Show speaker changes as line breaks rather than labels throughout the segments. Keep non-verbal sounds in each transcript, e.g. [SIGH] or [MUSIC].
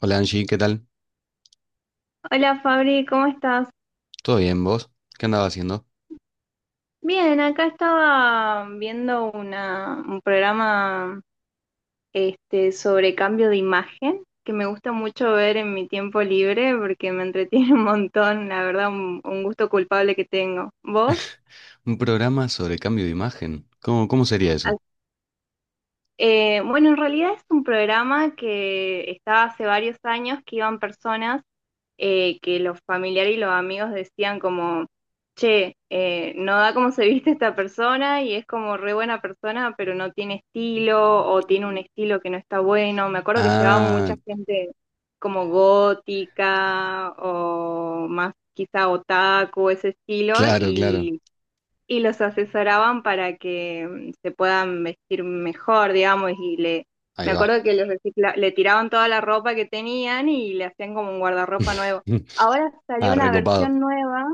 Hola Angie, ¿qué tal?
Hola Fabri, ¿cómo estás?
¿Todo bien vos? ¿Qué andaba haciendo?
Bien, acá estaba viendo un programa sobre cambio de imagen que me gusta mucho ver en mi tiempo libre porque me entretiene [LAUGHS] un montón, la verdad, un gusto culpable que tengo. ¿Vos?
Un programa sobre cambio de imagen. ¿Cómo sería
Ah,
eso?
bueno, en realidad es un programa que estaba hace varios años que iban personas que los familiares y los amigos decían como, che, no da como se viste esta persona y es como re buena persona, pero no tiene estilo o tiene un estilo que no está bueno. Me acuerdo que llevaba
Ah,
mucha gente como gótica o más quizá otaku, ese estilo,
claro, claro.
y los asesoraban para que se puedan vestir mejor, digamos,
Ahí
me
va.
acuerdo que le tiraban toda la ropa que tenían y le hacían como un guardarropa nuevo.
[LAUGHS]
Ahora salió
Ah,
una
recopado.
versión nueva,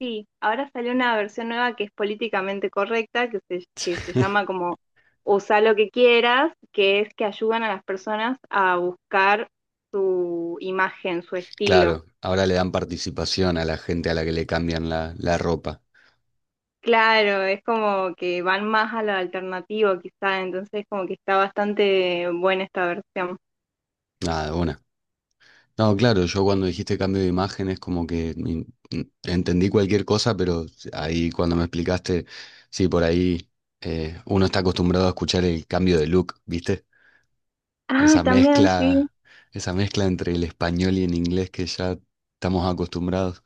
sí, ahora salió una versión nueva que es políticamente correcta, que se llama
[LAUGHS]
como usa lo que quieras, que es que ayudan a las personas a buscar su imagen, su estilo.
Claro, ahora le dan participación a la gente a la que le cambian la ropa.
Claro, es como que van más a lo alternativo quizá, entonces como que está bastante buena esta versión.
Nada, una. No, claro, yo cuando dijiste cambio de imagen es como que entendí cualquier cosa, pero ahí cuando me explicaste, sí, por ahí uno está acostumbrado a escuchar el cambio de look, ¿viste?
Ah,
Esa
también sí.
mezcla, esa mezcla entre el español y el inglés que ya estamos acostumbrados.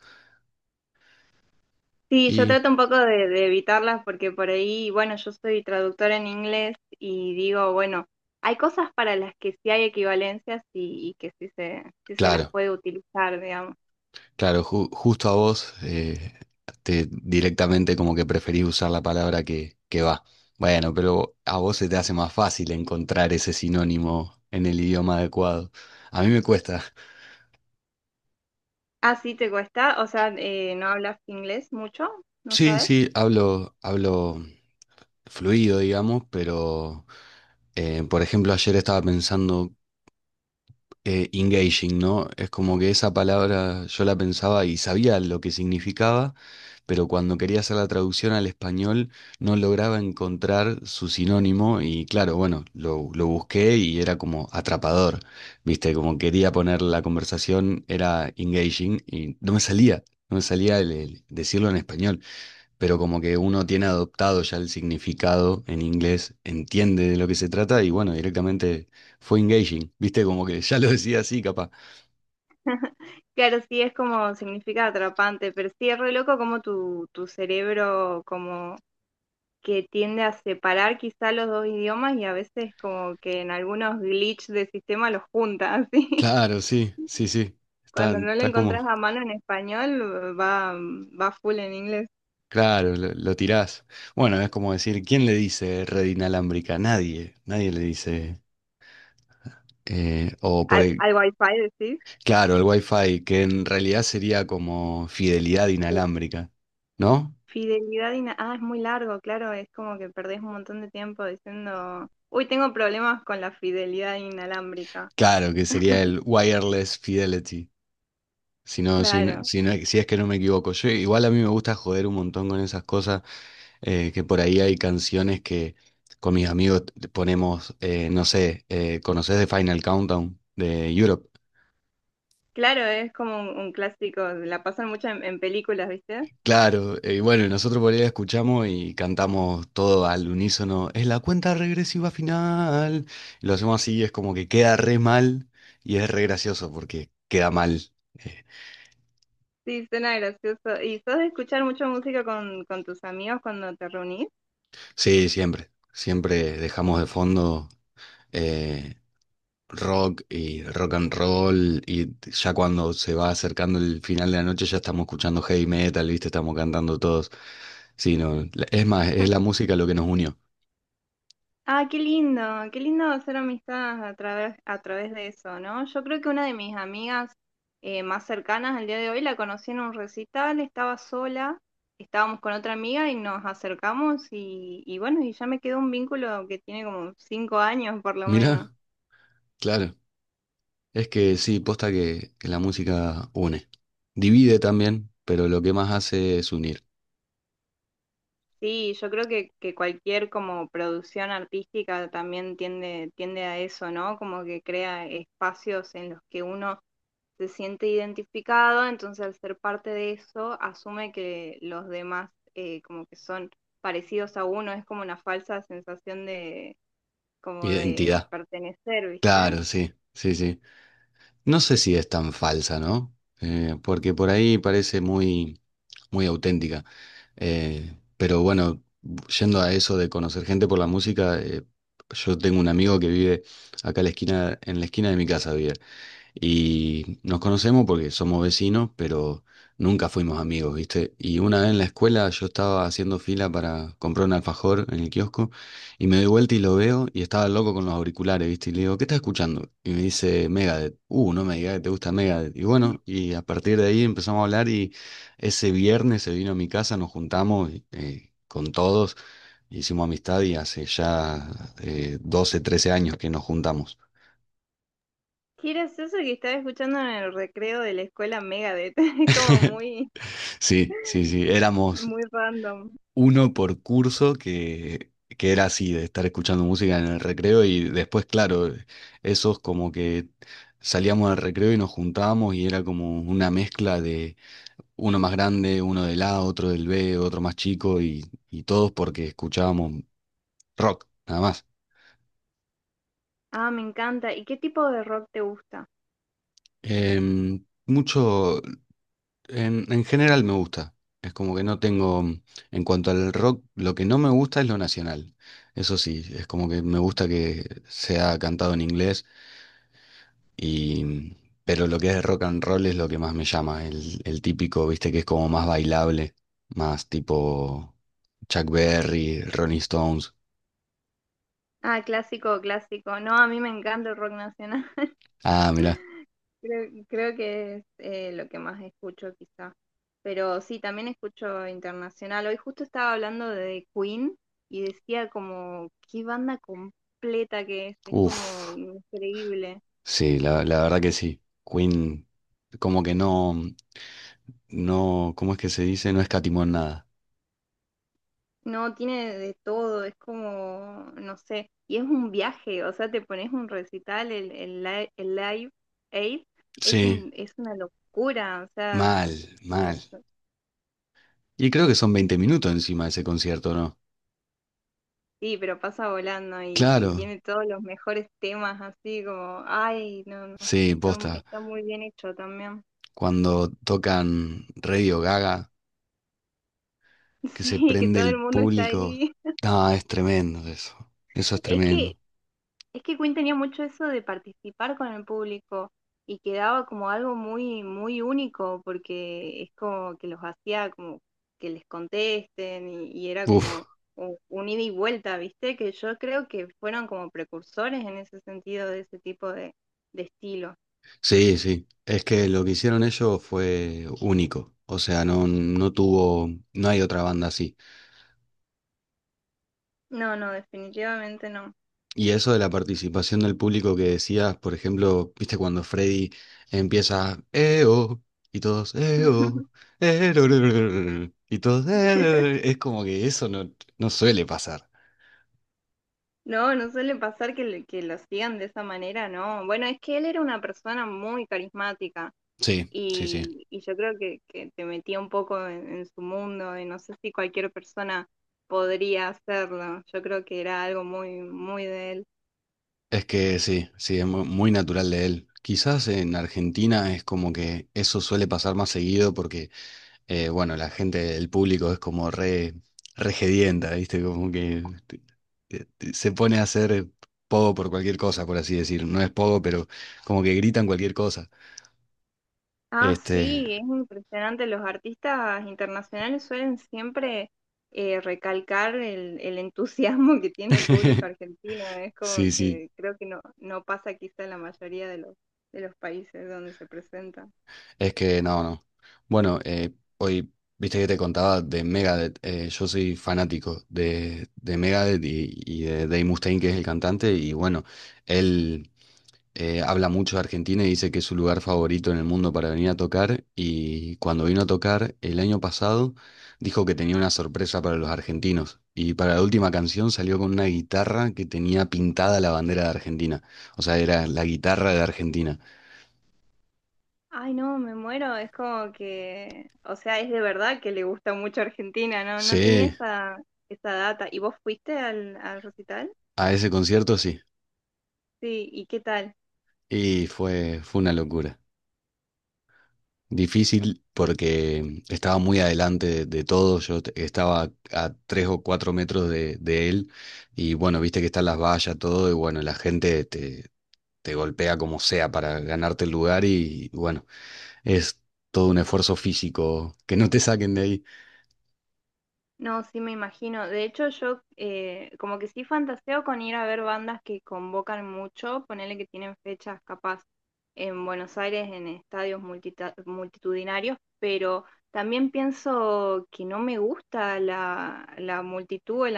Sí, yo
Y
trato un poco de evitarlas porque por ahí, bueno, yo soy traductora en inglés y digo, bueno, hay cosas para las que sí hay equivalencias y, y que sí se las
claro,
puede utilizar, digamos.
claro, justo a vos directamente como que preferís usar la palabra que va. Bueno, pero a vos se te hace más fácil encontrar ese sinónimo en el idioma adecuado. A mí me cuesta.
Ah, sí, te cuesta, o sea, no hablas inglés mucho, ¿no
Sí,
sabes?
sí, hablo fluido, digamos, pero por ejemplo ayer estaba pensando engaging, ¿no? Es como que esa palabra yo la pensaba y sabía lo que significaba, pero cuando quería hacer la traducción al español no lograba encontrar su sinónimo y claro, bueno, lo busqué y era como atrapador, ¿viste? Como quería poner la conversación, era engaging y no me salía el decirlo en español, pero como que uno tiene adoptado ya el significado en inglés, entiende de lo que se trata y bueno, directamente fue engaging, ¿viste? Como que ya lo decía así, capaz.
Claro, sí, es como significa atrapante, pero sí es re loco como tu cerebro como que tiende a separar quizá los dos idiomas y a veces como que en algunos glitch de sistema los junta, así. [LAUGHS]
Claro, sí, sí, sí, está,
Cuando no lo
está como,
encontrás a mano en español, va full en inglés.
claro, lo tirás. Bueno, es como decir, ¿quién le dice red inalámbrica? Nadie le dice. eh, o por el,
Al wifi decís.
claro, el Wi-Fi, que en realidad sería como fidelidad
Uh,
inalámbrica, ¿no?
Ah, es muy largo, claro, es como que perdés un montón de tiempo diciendo, uy, tengo problemas con la fidelidad inalámbrica.
Claro, que sería el wireless fidelity. Si no,
Claro,
si es que no me equivoco. Yo, igual a mí me gusta joder un montón con esas cosas, que por ahí hay canciones que con mis amigos ponemos, no sé, ¿conocés The Final Countdown de Europe?
claro, es como un clásico, la pasan mucho en películas, ¿viste?
Claro, y bueno, nosotros por ahí la escuchamos y cantamos todo al unísono, es la cuenta regresiva final. Y lo hacemos así, es como que queda re mal y es re gracioso porque queda mal. Eh,
Sí, suena gracioso. ¿Y sos de escuchar mucha música con tus amigos cuando te reunís?
sí, siempre, siempre dejamos de fondo. eh, rock y rock and roll y ya cuando se va acercando el final de la noche ya estamos escuchando heavy metal, ¿viste? Estamos cantando todos. Sí, no, es más, es la música lo que nos unió.
Ah, qué lindo hacer amistades a través de eso, ¿no? Yo creo que una de mis amigas más cercanas al día de hoy la conocí en un recital, estaba sola, estábamos con otra amiga y nos acercamos y bueno, y ya me quedó un vínculo que tiene como 5 años por lo menos.
Mirá, claro, es que sí, posta que la música une. Divide también, pero lo que más hace es unir.
Sí, yo creo que cualquier como producción artística también tiende a eso, ¿no? Como que crea espacios en los que uno se siente identificado, entonces al ser parte de eso, asume que los demás como que son parecidos a uno, es como una falsa sensación de como de
Identidad.
pertenecer, ¿viste?
Claro, sí, sí, sí. No sé si es tan falsa, ¿no? Porque por ahí parece muy, muy auténtica. Pero bueno, yendo a eso de conocer gente por la música, yo tengo un amigo que vive acá a la esquina, en la esquina de mi casa vive. Y nos conocemos porque somos vecinos, pero nunca fuimos amigos, ¿viste? Y una vez en la escuela yo estaba haciendo fila para comprar un alfajor en el kiosco y me doy vuelta y lo veo y estaba loco con los auriculares, ¿viste? Y le digo, ¿qué estás escuchando? Y me dice Megadeth. No me digas que te gusta Megadeth. Y bueno, y a partir de ahí empezamos a hablar y ese viernes se vino a mi casa, nos juntamos con todos, hicimos amistad y hace ya 12, 13 años que nos juntamos.
Qué gracioso que estaba escuchando en el recreo de la escuela Megadeth, [LAUGHS]
[LAUGHS] Sí, sí, sí, éramos
muy random.
uno por curso que era así, de estar escuchando música en el recreo y después, claro, esos como que salíamos al recreo y nos juntábamos y era como una mezcla de uno más grande, uno del A, otro del B, otro más chico y todos porque escuchábamos rock, nada más.
Ah, me encanta. ¿Y qué tipo de rock te gusta?
Em, mucho. En general me gusta. Es como que no tengo, en cuanto al rock, lo que no me gusta es lo nacional. Eso sí, es como que me gusta que sea cantado en inglés y, pero lo que es rock and roll es lo que más me llama. El típico, viste, que es como más bailable, más tipo Chuck Berry, Ronnie Stones.
Ah, clásico, clásico. No, a mí me encanta el rock nacional. [LAUGHS]
Ah, mirá.
Creo que es lo que más escucho quizá. Pero sí, también escucho internacional. Hoy justo estaba hablando de Queen y decía como, qué banda completa que es. Es como
Uf.
increíble.
Sí, la verdad que sí. Queen, como que no, no, ¿cómo es que se dice? No escatimó en nada.
No, tiene de todo. Es como, no sé. Y es un viaje. O sea, te pones un recital, el Live Aid. Es
Sí,
un, es una locura. O sea...
mal, mal. Y creo que son 20 minutos encima de ese concierto, ¿no?
Sí, pero pasa volando y
Claro,
tiene todos los mejores temas así como, ay, no, no,
sí,
está,
posta.
está muy bien hecho también.
Cuando tocan Radio Gaga,
[LAUGHS]
que se
Sí, que
prende
todo
el
el mundo está
público.
ahí.
Ah, es tremendo eso. Eso es
Es que,
tremendo.
es que Queen tenía mucho eso de participar con el público y quedaba como algo muy, muy único porque es como que los hacía como que les contesten y era
Uf,
como un ida y vuelta, ¿viste? Que yo creo que fueron como precursores en ese sentido de ese tipo de estilo.
sí, sí. Es que lo que hicieron ellos fue único. O sea, no, no tuvo, no hay otra banda así.
No, no, definitivamente no.
Y eso de la participación del público que decías, por ejemplo, viste cuando Freddy empieza "Eo", y todos "Eo",
[LAUGHS]
"Erorororor", y todos "Erororor", es como que eso no suele pasar.
No, no suele pasar que, que lo sigan de esa manera, ¿no? Bueno, es que él era una persona muy carismática
Sí, sí, sí.
y yo creo que te metía un poco en su mundo y no sé si cualquier persona podría hacerlo. Yo creo que era algo muy, muy de él.
Es que sí, sí, es muy natural de él. Quizás en Argentina es como que eso suele pasar más seguido porque, bueno, la gente, el público es como re ¿viste? Como que eh, se pone a hacer pogo por cualquier cosa, por así decir. No es pogo, pero como que gritan cualquier cosa.
Ah,
Este,
sí, es impresionante. Los artistas internacionales suelen siempre recalcar el entusiasmo que tiene el público
[LAUGHS]
argentino, ¿eh? Es como
sí, sí,
que creo que no, no pasa quizá en la mayoría de los países donde se presentan.
es que no, no. Bueno, hoy, viste que te contaba de Megadeth. Yo soy fanático de Megadeth y de Dave Mustaine, que es el cantante, y bueno, él habla mucho de Argentina y dice que es su lugar favorito en el mundo para venir a tocar. Y cuando vino a tocar el año pasado, dijo que tenía una sorpresa para los argentinos. Y para la última canción salió con una guitarra que tenía pintada la bandera de Argentina. O sea, era la guitarra de Argentina.
Ay, no, me muero. Es como que, o sea, es de verdad que le gusta mucho Argentina, ¿no? No tenía
Sí,
esa, esa data. ¿Y vos fuiste al, al recital?
a ese concierto sí.
Sí, ¿y qué tal?
Y fue una locura. Difícil porque estaba muy adelante de todo, yo estaba a 3 o 4 metros de él y bueno, viste que están las vallas, todo y bueno, la gente te golpea como sea para ganarte el lugar y bueno, es todo un esfuerzo físico que no te saquen de ahí.
No, sí me imagino. De hecho, yo como que sí fantaseo con ir a ver bandas que convocan mucho, ponerle que tienen fechas capaz en Buenos Aires, en estadios multitudinarios, pero también pienso que no me gusta la multitud, el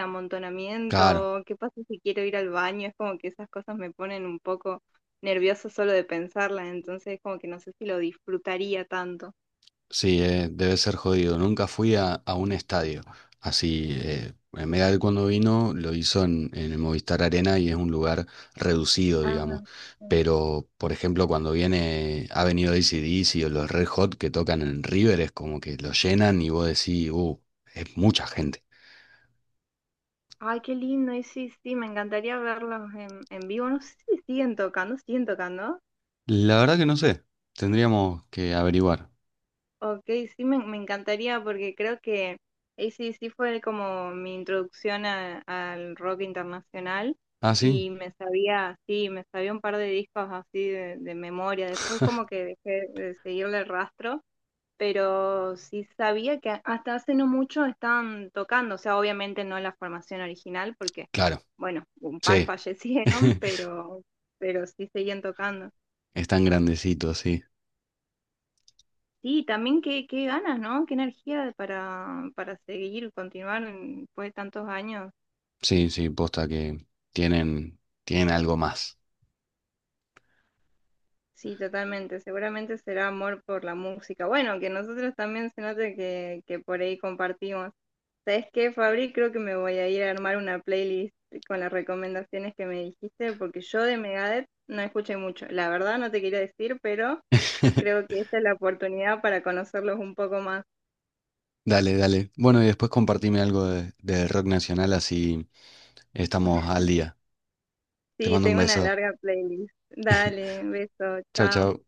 Claro.
amontonamiento, qué pasa si quiero ir al baño, es como que esas cosas me ponen un poco nerviosa solo de pensarlas, entonces como que no sé si lo disfrutaría tanto.
Sí, debe ser jodido. Nunca fui a un estadio. Así, en Medal cuando vino lo hizo en el Movistar Arena y es un lugar reducido, digamos.
Ah,
Pero, por ejemplo, cuando viene, ha venido AC/DC o los Red Hot que tocan en River, es como que lo llenan y vos decís, es mucha gente.
ay, qué lindo, y sí, sí, me encantaría verlos en vivo. No sé si siguen tocando, siguen tocando.
La verdad que no sé. Tendríamos que averiguar.
Ok, sí, me encantaría porque creo que sí fue como mi introducción al rock internacional
Ah, sí.
y me sabía, sí, me sabía un par de discos así de memoria. Después como
[LAUGHS]
que dejé de seguirle el rastro, pero sí sabía que hasta hace no mucho estaban tocando, o sea, obviamente no la formación original, porque,
Claro,
bueno, un par [LAUGHS]
sí.
fallecieron,
[LAUGHS]
pero sí seguían tocando.
Es tan grandecito, sí.
Sí, también qué, qué ganas, ¿no? Qué energía para seguir, continuar después de tantos años.
Sí, sí, posta que tienen, tienen algo más.
Sí, totalmente. Seguramente será amor por la música. Bueno, que nosotros también se note que por ahí compartimos. ¿Sabes qué, Fabri? Creo que me voy a ir a armar una playlist con las recomendaciones que me dijiste, porque yo de Megadeth no escuché mucho. La verdad no te quería decir, pero
[LAUGHS]
creo que esta es la oportunidad para conocerlos un poco más.
Dale, dale. Bueno, y después compartime algo del rock nacional, así estamos al día. Te
Sí,
mando un
tengo una
beso.
larga playlist. Dale, beso,
Chao,
chao.
chao.